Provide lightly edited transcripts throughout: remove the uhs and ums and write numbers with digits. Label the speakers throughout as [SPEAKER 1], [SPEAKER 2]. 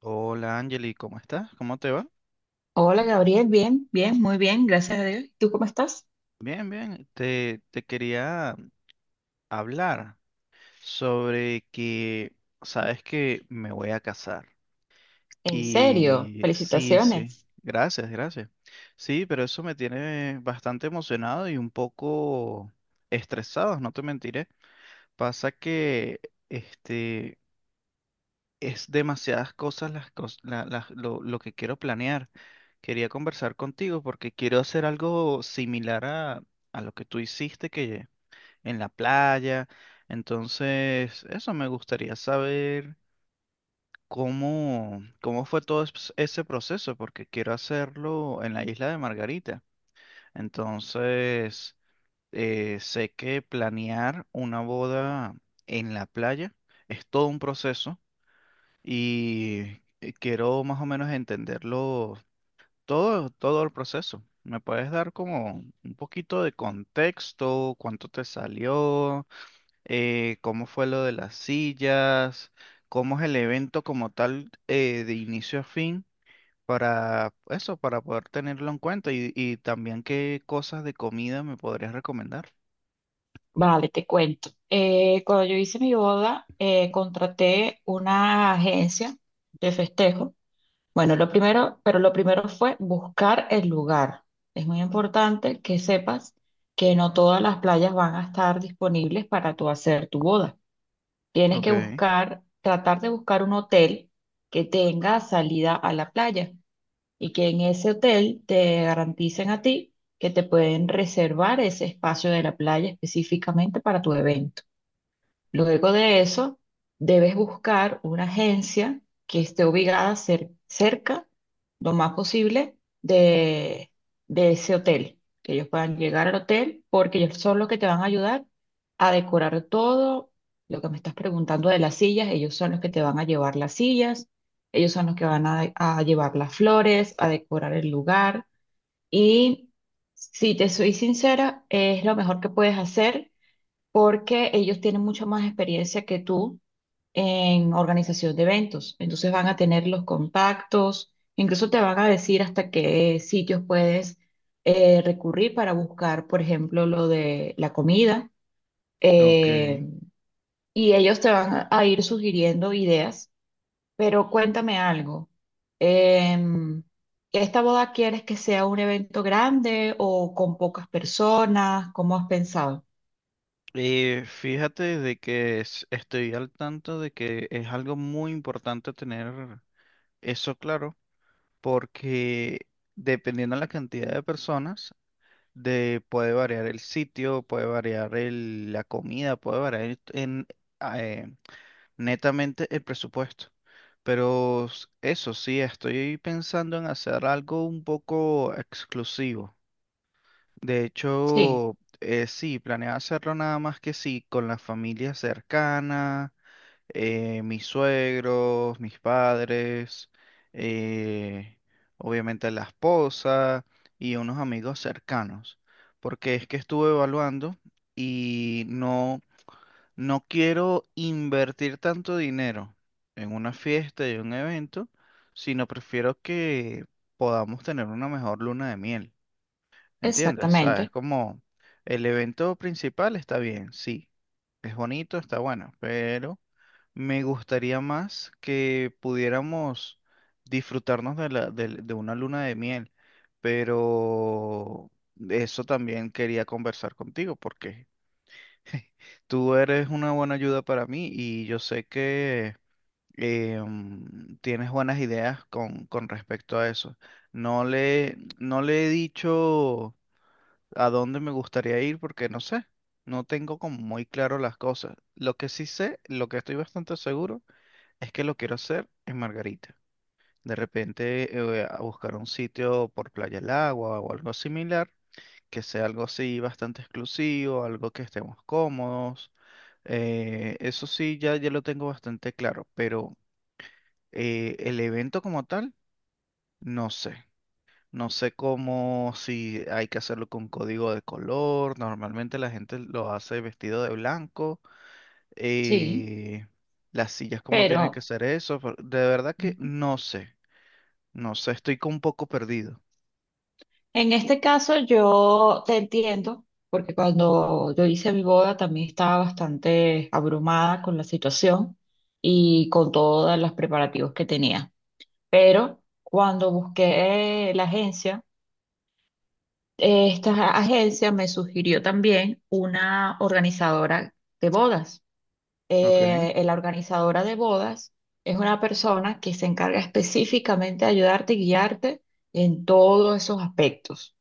[SPEAKER 1] Hola Angeli, ¿cómo estás? ¿Cómo te va?
[SPEAKER 2] Hola Gabriel, bien, bien, muy bien, gracias a Dios. ¿Tú cómo estás?
[SPEAKER 1] Bien, bien. Te quería hablar sobre que sabes que me voy a casar.
[SPEAKER 2] En serio,
[SPEAKER 1] Y sí, sí.
[SPEAKER 2] felicitaciones.
[SPEAKER 1] Gracias, gracias. Sí, pero eso me tiene bastante emocionado y un poco estresado, no te mentiré. Pasa que este es demasiadas cosas las, cos- la- las- lo que quiero planear. Quería conversar contigo porque quiero hacer algo similar a lo que tú hiciste que en la playa. Entonces, eso me gustaría saber cómo fue todo ese proceso, porque quiero hacerlo en la isla de Margarita. Entonces, sé que planear una boda en la playa es todo un proceso y quiero más o menos entenderlo todo el proceso. ¿Me puedes dar como un poquito de contexto? ¿Cuánto te salió? ¿Cómo fue lo de las sillas? ¿Cómo es el evento como tal, de inicio a fin? Para eso, para poder tenerlo en cuenta y también qué cosas de comida me podrías recomendar.
[SPEAKER 2] Vale, te cuento. Cuando yo hice mi boda, contraté una agencia de festejo. Bueno, lo primero, pero lo primero fue buscar el lugar. Es muy importante que sepas que no todas las playas van a estar disponibles para tú hacer tu boda. Tienes
[SPEAKER 1] Ok,
[SPEAKER 2] que buscar, tratar de buscar un hotel que tenga salida a la playa, y que en ese hotel te garanticen a ti que te pueden reservar ese espacio de la playa específicamente para tu evento. Luego de eso, debes buscar una agencia que esté ubicada cerca, lo más posible, de ese hotel, que ellos puedan llegar al hotel, porque ellos son los que te van a ayudar a decorar todo. Lo que me estás preguntando de las sillas, ellos son los que te van a llevar las sillas, ellos son los que van a llevar las flores, a decorar el lugar. Y si te soy sincera, es lo mejor que puedes hacer porque ellos tienen mucha más experiencia que tú en organización de eventos. Entonces van a tener los contactos, incluso te van a decir hasta qué sitios puedes recurrir para buscar, por ejemplo, lo de la comida.
[SPEAKER 1] ok.
[SPEAKER 2] eh, y ellos te van a ir sugiriendo ideas, pero cuéntame algo. em, ¿Esta boda quieres que sea un evento grande o con pocas personas? ¿Cómo has pensado?
[SPEAKER 1] Fíjate de que estoy al tanto de que es algo muy importante tener eso claro, porque dependiendo de la cantidad de personas, de- puede variar el sitio, puede variar el- la comida, puede variar en, eh, netamente el presupuesto. Pero s- eso sí, estoy pensando en hacer algo un poco exclusivo. De
[SPEAKER 2] Sí,
[SPEAKER 1] hecho, sí, planeaba hacerlo nada más que sí, con la familia cercana, mis suegros, mis padres, eh, obviamente la esposa y unos amigos cercanos. Porque es que estuve evaluando y no, no quiero invertir tanto dinero en una fiesta y un evento, sino prefiero que podamos tener una mejor luna de miel. ¿Entiendes? O sea, es
[SPEAKER 2] exactamente.
[SPEAKER 1] como el evento principal está bien, sí, es bonito, está bueno, pero me gustaría más que pudiéramos disfrutarnos de la, del- de una luna de miel, pero eso también quería conversar contigo porque tú eres una buena ayuda para mí y yo sé que tienes buenas ideas con respecto a eso. No le he dicho a dónde me gustaría ir porque no sé, no tengo como muy claro las cosas. Lo que sí sé, lo que estoy bastante seguro, es que lo quiero hacer en Margarita. De repente a buscar un sitio por Playa el Agua o algo similar, que sea algo así bastante exclusivo, algo que estemos cómodos. Eso sí, ya lo tengo bastante claro, pero el evento como tal, no sé. No sé cómo, si hay que hacerlo con código de color. Normalmente la gente lo hace vestido de blanco.
[SPEAKER 2] Sí,
[SPEAKER 1] eh, las sillas, cómo tiene que
[SPEAKER 2] pero
[SPEAKER 1] ser eso. Pero de verdad que
[SPEAKER 2] ujú.
[SPEAKER 1] no sé. No sé, estoy con un poco perdido.
[SPEAKER 2] En este caso yo te entiendo, porque cuando yo hice mi boda también estaba bastante abrumada con la situación y con todos los preparativos que tenía. Pero cuando busqué la agencia, esta agencia me sugirió también una organizadora de bodas.
[SPEAKER 1] Ok.
[SPEAKER 2] La organizadora de bodas es una persona que se encarga específicamente de ayudarte y guiarte en todos esos aspectos.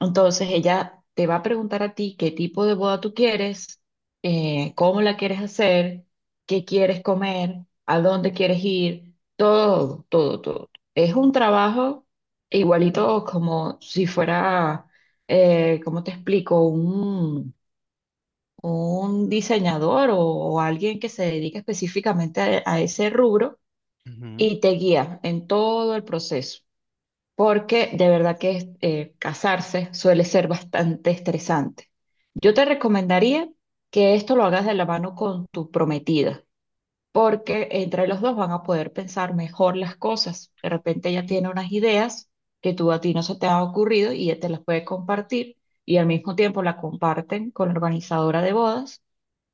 [SPEAKER 2] Entonces, ella te va a preguntar a ti qué tipo de boda tú quieres, cómo la quieres hacer, qué quieres comer, a dónde quieres ir, todo, todo, todo. Es un trabajo igualito como si fuera, ¿cómo te explico? Un diseñador o alguien que se dedique específicamente a ese rubro
[SPEAKER 1] Ujú.
[SPEAKER 2] y te guía en todo el proceso, porque de verdad que casarse suele ser bastante estresante. Yo te recomendaría que esto lo hagas de la mano con tu prometida, porque entre los dos van a poder pensar mejor las cosas. De repente ella tiene unas ideas que tú a ti no se te ha ocurrido y ella te las puede compartir y al mismo tiempo la comparten con la organizadora de bodas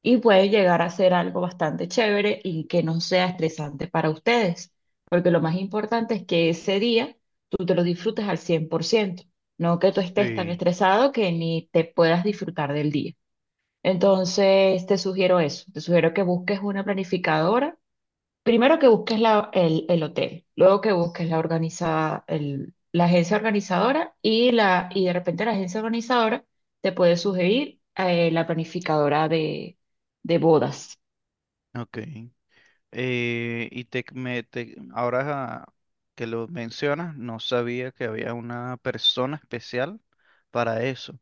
[SPEAKER 2] y puede llegar a ser algo bastante chévere y que no sea estresante para ustedes, porque lo más importante es que ese día tú te lo disfrutes al cien por ciento, no que tú estés tan
[SPEAKER 1] Sí.
[SPEAKER 2] estresado que ni te puedas disfrutar del día. Entonces, te sugiero eso, te sugiero que busques una planificadora. Primero que busques el hotel, luego que busques la la agencia organizadora y y de repente la agencia organizadora te puede sugerir la planificadora de bodas.
[SPEAKER 1] Ok. Ahora que lo mencionas, no sabía que había una persona especial para eso.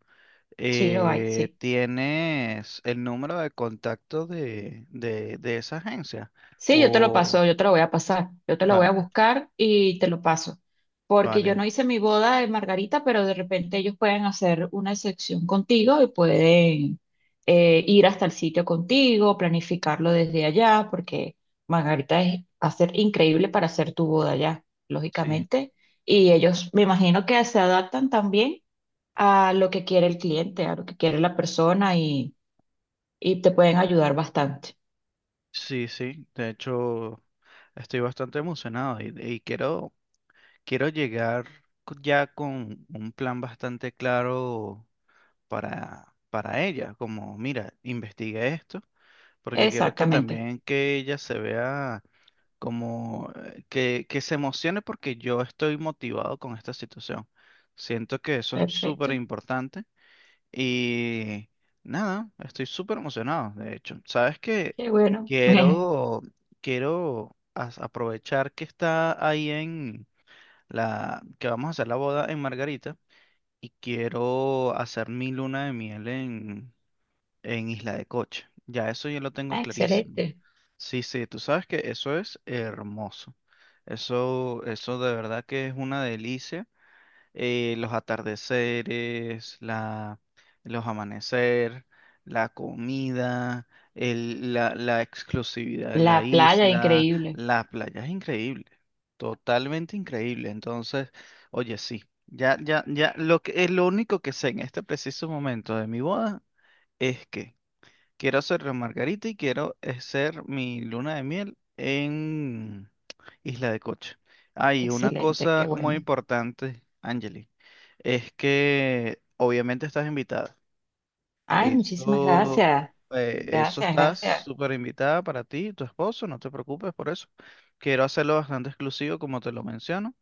[SPEAKER 2] Sí, lo hay, sí.
[SPEAKER 1] ¿Tienes el número de contacto de esa agencia?
[SPEAKER 2] Sí, yo te lo paso,
[SPEAKER 1] O,
[SPEAKER 2] yo te lo voy a pasar, yo te lo voy a
[SPEAKER 1] vale,
[SPEAKER 2] buscar y te lo paso. Porque yo
[SPEAKER 1] vale,
[SPEAKER 2] no hice mi boda de Margarita, pero de repente ellos pueden hacer una excepción contigo y pueden ir hasta el sitio contigo, planificarlo desde allá, porque Margarita es, va a ser increíble para hacer tu boda allá,
[SPEAKER 1] sí,
[SPEAKER 2] lógicamente. Y ellos, me imagino que se adaptan también a lo que quiere el cliente, a lo que quiere la persona y te pueden ayudar bastante.
[SPEAKER 1] sí, sí. De hecho, estoy bastante emocionado y quiero, llegar ya con un plan bastante claro para ella. Como, mira, investiga esto, porque quiero que
[SPEAKER 2] Exactamente.
[SPEAKER 1] también que ella se vea como que se emocione porque yo estoy motivado con esta situación. Siento que eso es súper
[SPEAKER 2] Perfecto.
[SPEAKER 1] importante y nada, estoy súper emocionado, de hecho. Sabes que
[SPEAKER 2] Qué bueno.
[SPEAKER 1] quiero, aprovechar que está ahí en que vamos a hacer la boda en Margarita y quiero hacer mi luna de miel en Isla de Coche. Ya eso yo lo tengo
[SPEAKER 2] Ah,
[SPEAKER 1] clarísimo.
[SPEAKER 2] excelente.
[SPEAKER 1] Sí, sí, tú sabes que eso es hermoso. Eso de verdad que es una delicia. Los atardeceres, la, los amanecer, la comida, el- la exclusividad de la
[SPEAKER 2] La playa,
[SPEAKER 1] isla,
[SPEAKER 2] increíble.
[SPEAKER 1] la playa es increíble, totalmente increíble. Entonces, oye, sí, ya, lo que, lo único que sé en este preciso momento de mi boda es que quiero hacer la Margarita y quiero hacer mi luna de miel en Isla de Coche. Hay una
[SPEAKER 2] Excelente, qué
[SPEAKER 1] cosa muy
[SPEAKER 2] bueno.
[SPEAKER 1] importante, Angeli, es que obviamente estás invitada.
[SPEAKER 2] Ay, muchísimas
[SPEAKER 1] Eso,
[SPEAKER 2] gracias.
[SPEAKER 1] eso
[SPEAKER 2] Gracias,
[SPEAKER 1] estás
[SPEAKER 2] gracias.
[SPEAKER 1] súper invitada para ti y tu esposo, no te preocupes por eso. Quiero hacerlo bastante exclusivo, como te lo menciono,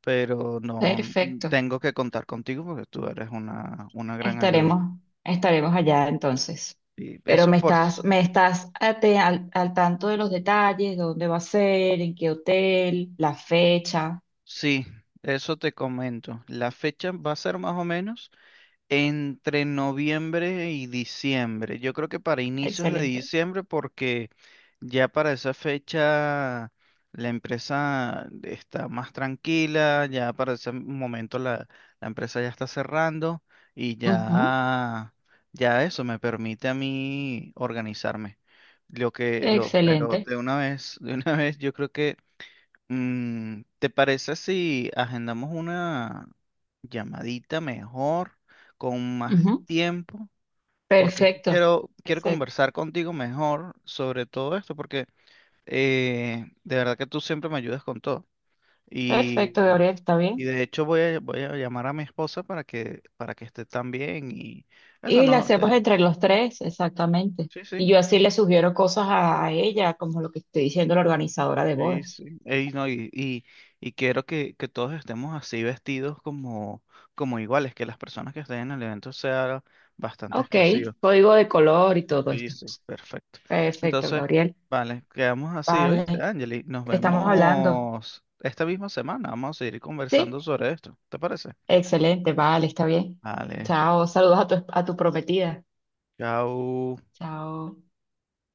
[SPEAKER 1] pero no
[SPEAKER 2] Perfecto.
[SPEAKER 1] tengo que contar contigo porque tú eres una gran ayuda.
[SPEAKER 2] Estaremos, estaremos allá entonces.
[SPEAKER 1] Y
[SPEAKER 2] Pero
[SPEAKER 1] eso
[SPEAKER 2] me
[SPEAKER 1] por,
[SPEAKER 2] estás, al tanto de los detalles, dónde va a ser, en qué hotel, la fecha.
[SPEAKER 1] sí, eso te comento. La fecha va a ser más o menos entre noviembre y diciembre. Yo creo que para inicios de
[SPEAKER 2] Excelente.
[SPEAKER 1] diciembre, porque ya para esa fecha la empresa está más tranquila, ya para ese momento la, la empresa ya está cerrando y
[SPEAKER 2] Ujú.
[SPEAKER 1] ya, ya eso me permite a mí organizarme. Lo que, lo, pero
[SPEAKER 2] Excelente.
[SPEAKER 1] de una vez, de una vez, yo creo que ¿te parece si agendamos una llamadita mejor, con más
[SPEAKER 2] Ujú.
[SPEAKER 1] tiempo? Porque es que
[SPEAKER 2] Perfecto.
[SPEAKER 1] quiero, quiero
[SPEAKER 2] Perfecto.
[SPEAKER 1] conversar contigo mejor sobre todo esto, porque de verdad que tú siempre me ayudas con todo.
[SPEAKER 2] Perfecto,
[SPEAKER 1] Y,
[SPEAKER 2] Gabriel, está
[SPEAKER 1] y
[SPEAKER 2] bien.
[SPEAKER 1] de hecho voy a, voy a llamar a mi esposa para que esté también y eso
[SPEAKER 2] Y la
[SPEAKER 1] no,
[SPEAKER 2] hacemos
[SPEAKER 1] te-
[SPEAKER 2] entre los tres, exactamente.
[SPEAKER 1] sí, sí,
[SPEAKER 2] Y yo así le sugiero cosas a ella, como lo que estoy diciendo la organizadora de
[SPEAKER 1] sí,
[SPEAKER 2] bodas.
[SPEAKER 1] sí. Ey, no, y quiero que todos estemos así vestidos como, como iguales, que las personas que estén en el evento sean bastante
[SPEAKER 2] Ok,
[SPEAKER 1] exclusivas.
[SPEAKER 2] código de color y todo
[SPEAKER 1] Sí,
[SPEAKER 2] estas
[SPEAKER 1] sí,
[SPEAKER 2] cosas.
[SPEAKER 1] perfecto.
[SPEAKER 2] Perfecto,
[SPEAKER 1] Entonces,
[SPEAKER 2] Gabriel.
[SPEAKER 1] vale, quedamos así hoy,
[SPEAKER 2] Vale,
[SPEAKER 1] Angeli. Nos
[SPEAKER 2] estamos hablando.
[SPEAKER 1] vemos esta misma semana. Vamos a seguir
[SPEAKER 2] Sí,
[SPEAKER 1] conversando sobre esto. ¿Te parece?
[SPEAKER 2] excelente, vale, está bien.
[SPEAKER 1] Vale,
[SPEAKER 2] Chao, saludos a a tu prometida.
[SPEAKER 1] chao.
[SPEAKER 2] Chao.